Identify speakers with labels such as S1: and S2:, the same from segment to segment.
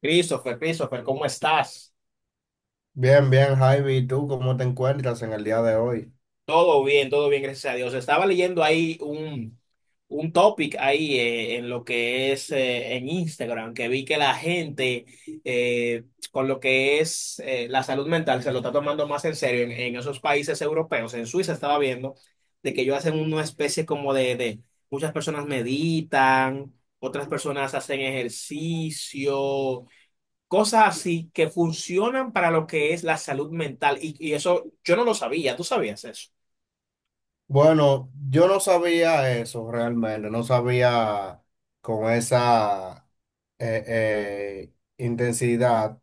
S1: Christopher, Christopher, ¿cómo estás?
S2: Bien, bien, Javi, ¿y tú cómo te encuentras en el día de hoy?
S1: Todo bien, gracias a Dios. Estaba leyendo ahí un topic ahí en lo que es en Instagram, que vi que la gente eh, con lo que es la salud mental se lo está tomando más en serio en esos países europeos. En Suiza estaba viendo de que ellos hacen una especie como de muchas personas meditan, otras personas hacen ejercicio. Cosas así que funcionan para lo que es la salud mental. Y eso yo no lo sabía, tú sabías eso.
S2: Bueno, yo no sabía eso realmente, no sabía con esa eh, eh, intensidad,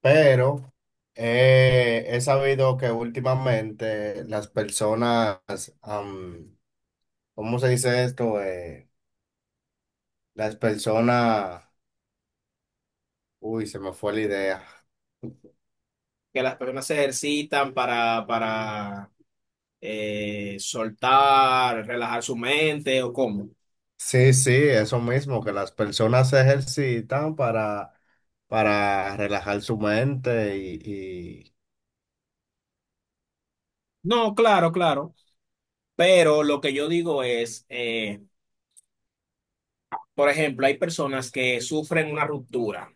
S2: pero he sabido que últimamente las personas, am, ¿cómo se dice esto? Las personas, uy, se me fue la idea.
S1: Que las personas se ejercitan para soltar, relajar su mente o cómo.
S2: Sí, sí, eso mismo, que las personas se ejercitan para relajar su mente y.
S1: No, claro, claro. Pero lo que yo digo es por ejemplo, hay personas que sufren una ruptura.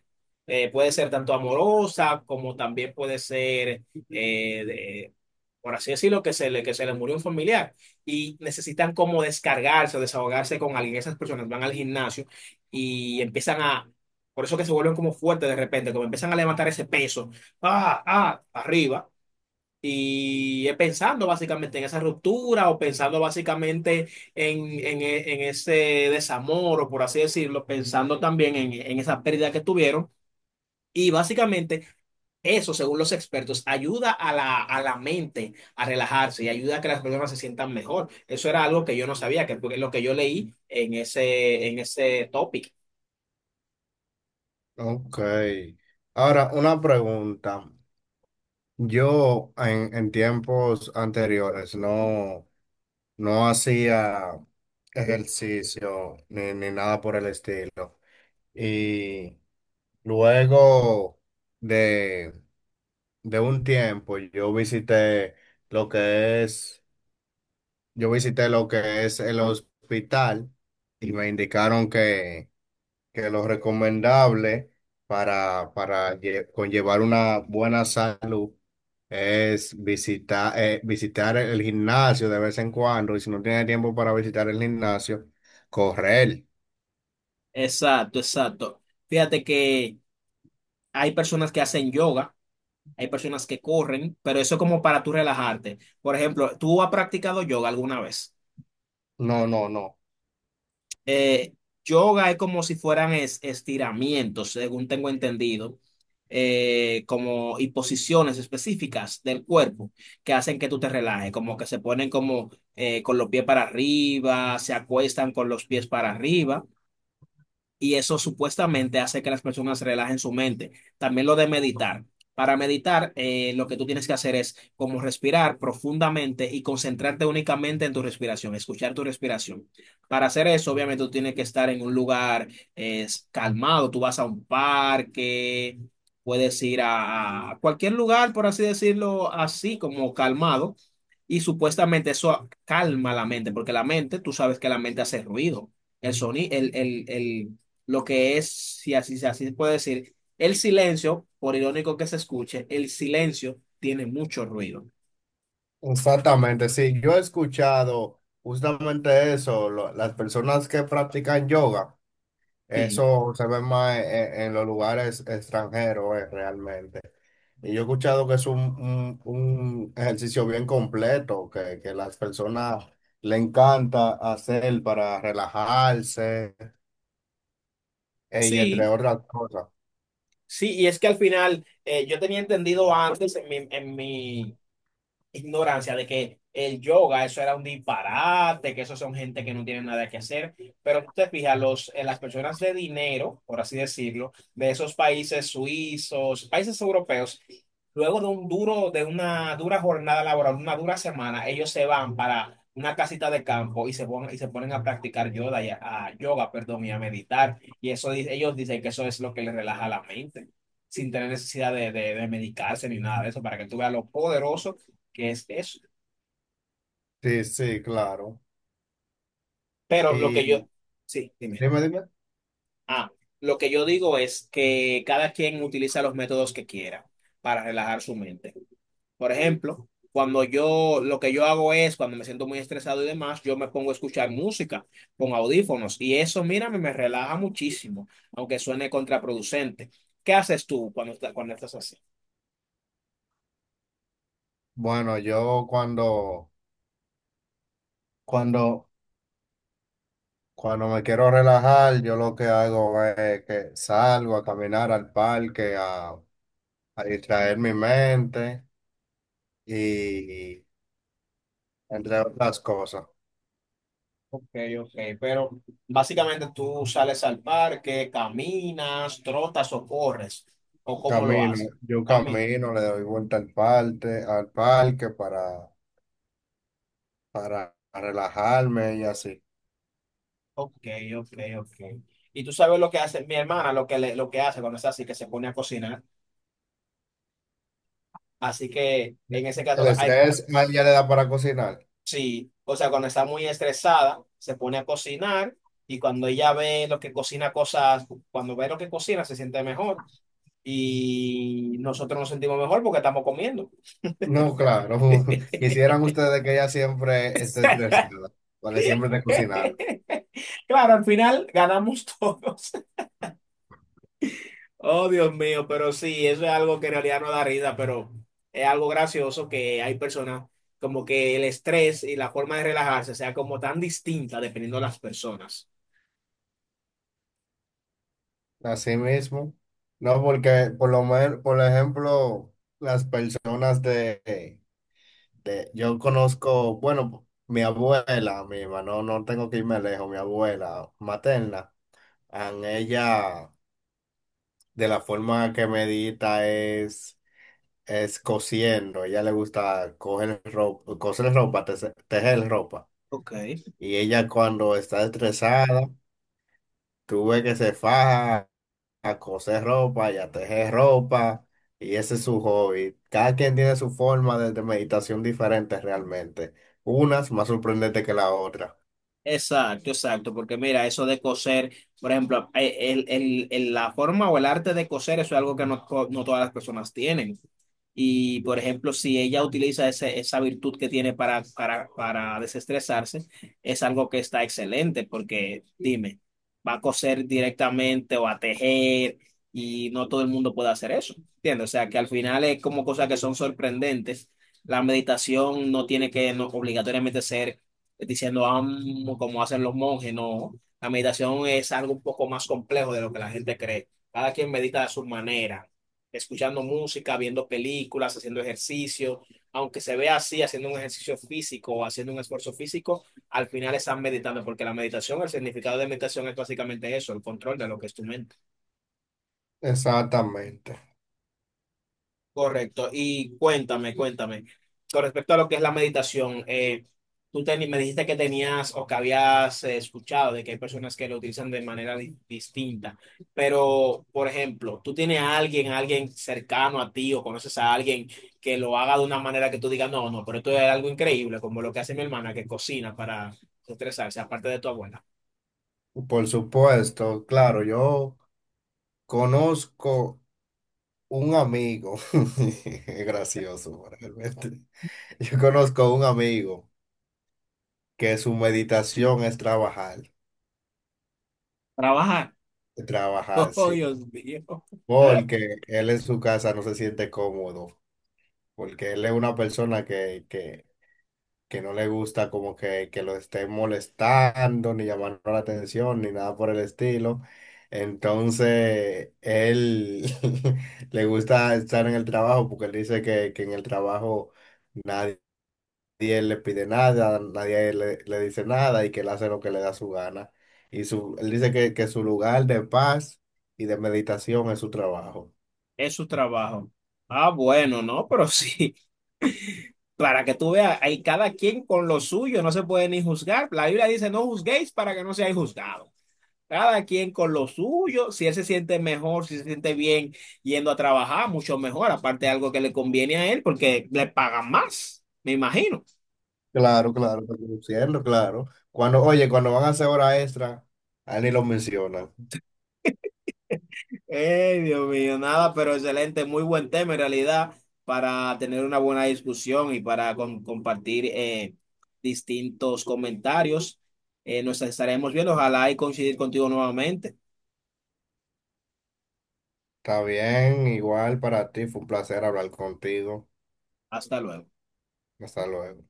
S1: Puede ser tanto amorosa como también puede ser, eh, de- por así decirlo, que se le murió un familiar y necesitan como descargarse o desahogarse con alguien. Esas personas van al gimnasio y por eso que se vuelven como fuertes de repente, como empiezan a levantar ese peso, arriba. Y es pensando básicamente en esa ruptura o pensando básicamente en ese desamor o por así decirlo, pensando también en esa pérdida que tuvieron. Y básicamente eso, según los expertos, ayuda a a la mente a relajarse y ayuda a que las personas se sientan mejor. Eso era algo que yo no sabía, que fue lo que yo leí en en ese topic.
S2: Ok. Ahora, una pregunta. Yo en tiempos anteriores no, no hacía ejercicio ni nada por el estilo. Y luego de, de un tiempo lo que es Yo visité lo que es el hospital y me indicaron que lo recomendable para conllevar una buena salud es visitar el gimnasio de vez en cuando, y si no tiene tiempo para visitar el gimnasio, correr.
S1: Exacto, exacto. Fíjate que hay personas que hacen yoga, hay personas que corren, pero eso es como para tú relajarte. Por ejemplo, ¿tú has practicado yoga alguna vez?
S2: No, no, no.
S1: Eh, yoga es como si fueran estiramientos, según tengo entendido, como y posiciones específicas del cuerpo que hacen que tú te relajes, como que se ponen como con los pies para arriba, se acuestan con los pies para arriba y eso supuestamente hace que las personas relajen su mente. También lo de meditar. Para meditar, lo que tú tienes que hacer es como respirar profundamente y concentrarte únicamente en tu respiración, escuchar tu respiración. Para hacer eso, obviamente, tú tienes que estar en un lugar calmado. Tú vas a un parque, puedes ir a cualquier lugar, por así decirlo, así como calmado. Y supuestamente eso calma la mente, porque la mente, tú sabes que la mente hace ruido. El sonido, el- lo que es, si así se puede decir, el silencio, por irónico que se escuche, el silencio tiene mucho ruido.
S2: Exactamente, sí. Yo he escuchado justamente eso, las personas que practican yoga.
S1: Sí,
S2: Eso se ve más en los lugares extranjeros, realmente. Y yo he escuchado que es un ejercicio bien completo, que las personas le encanta hacer para relajarse, y entre
S1: sí,
S2: otras cosas.
S1: sí, y es que al final yo tenía entendido antes en en mi ignorancia de que el yoga, eso era un disparate, que eso son gente que no tiene nada que hacer. Pero tú te fijas, las personas de dinero, por así decirlo, de esos países suizos, países europeos, luego de un de una dura jornada laboral, una dura semana, ellos se van para una casita de campo y se ponen a practicar yoga, y a yoga, perdón, y a meditar. Ellos dicen que eso es lo que les relaja la mente, sin tener necesidad de medicarse ni nada de eso, para que tú veas lo poderoso que es eso.
S2: Sí, sí, claro.
S1: Pero lo que
S2: Y
S1: yo, sí, dime.
S2: dime, dime.
S1: Ah, lo que yo digo es que cada quien utiliza los métodos que quiera para relajar su mente. Por ejemplo, lo que yo hago es, cuando me siento muy estresado y demás, yo me pongo a escuchar música con audífonos y eso, mírame, me relaja muchísimo, aunque suene contraproducente. ¿Qué haces tú cuando estás así?
S2: Bueno, yo cuando, cuando me quiero relajar, yo lo que hago es que salgo a caminar al parque, a distraer mi mente. Y entre otras cosas.
S1: Ok, ok, pero básicamente tú sales al parque, caminas, trotas o corres, o cómo lo
S2: Camino,
S1: haces.
S2: yo
S1: Camino.
S2: camino, le doy vuelta al parque, para relajarme y así.
S1: Ok, ok, ok. Y tú sabes lo que hace mi hermana, lo que hace cuando está así, que se pone a cocinar. Así que en ese caso,
S2: El
S1: ay,
S2: estrés a ella le da para cocinar.
S1: sí, o sea, cuando está muy estresada, se pone a cocinar y cuando ella ve lo que cocina cosas, cuando ve lo que cocina, se siente mejor y nosotros nos sentimos mejor porque estamos comiendo.
S2: No, claro. Quisieran ustedes que ella siempre esté estresada, porque siempre esté cocinando.
S1: Claro, al final ganamos todos. Oh, Dios mío, pero sí, eso es algo que en realidad no da risa, pero es algo gracioso que hay personas como que el estrés y la forma de relajarse sea como tan distinta dependiendo de las personas.
S2: Así mismo. No, porque por lo menos, por ejemplo, las personas de yo conozco, bueno, mi abuela misma, no, no tengo que irme lejos, mi abuela materna, an ella, de la forma que medita es cosiendo. Ella le gusta coger ropa, coser ropa, tejer ropa,
S1: Ok.
S2: y ella cuando está estresada, tú ves que se faja a coser ropa y a tejer ropa, y ese es su hobby. Cada quien tiene su forma de meditación diferente realmente, unas más sorprendentes que la otra.
S1: Exacto, exacto, porque mira, eso de coser, por ejemplo, la forma o el arte de coser, eso es algo que no todas las personas tienen. Y, por ejemplo, si ella utiliza esa virtud que tiene para desestresarse, es algo que está excelente, porque dime, va a coser directamente o a tejer y no todo el mundo puede hacer eso, ¿entiendes? O sea, que al final es como cosas que son sorprendentes. La meditación no tiene que no, obligatoriamente ser diciendo "Am", como hacen los monjes, no. La meditación es algo un poco más complejo de lo que la gente cree. Cada quien medita a su manera, escuchando música, viendo películas, haciendo ejercicio. Aunque se vea así, haciendo un ejercicio físico o haciendo un esfuerzo físico, al final están meditando, porque la meditación, el significado de meditación es básicamente eso, el control de lo que es tu mente.
S2: Exactamente.
S1: Correcto. Y cuéntame, cuéntame, con respecto a lo que es la meditación, me dijiste que tenías o que habías escuchado de que hay personas que lo utilizan de manera distinta, pero, por ejemplo, ¿tú tienes a alguien cercano a ti o conoces a alguien que lo haga de una manera que tú digas, no, no, pero esto es algo increíble, como lo que hace mi hermana que cocina para estresarse, aparte de tu abuela?
S2: Por supuesto, claro, yo conozco un amigo, es gracioso realmente. Yo conozco un amigo que su meditación es trabajar,
S1: Trabajar.
S2: trabajar,
S1: Oh,
S2: sí,
S1: Dios mío.
S2: porque él en su casa no se siente cómodo, porque él es una persona que no le gusta como que lo estén molestando, ni llamando la atención, ni nada por el estilo. Entonces, él le gusta estar en el trabajo porque él dice que en el trabajo nadie le pide nada, nadie le dice nada, y que él hace lo que le da su gana. Él dice que su lugar de paz y de meditación es su trabajo.
S1: Es su trabajo. Ah, bueno, no, pero sí. Para que tú veas, hay cada quien con lo suyo, no se puede ni juzgar. La Biblia dice, no juzguéis para que no seáis juzgados. Cada quien con lo suyo, si él se siente mejor, si se siente bien yendo a trabajar, mucho mejor, aparte de algo que le conviene a él, porque le pagan más, me imagino.
S2: Claro, claro, está produciendo, claro. Oye, cuando van a hacer hora extra, a él ni lo mencionan.
S1: Ey, Dios mío, nada, pero excelente, muy buen tema en realidad para tener una buena discusión y para compartir distintos comentarios. Nos estaremos viendo, ojalá y coincidir contigo nuevamente.
S2: Está bien, igual para ti, fue un placer hablar contigo.
S1: Hasta luego.
S2: Hasta luego.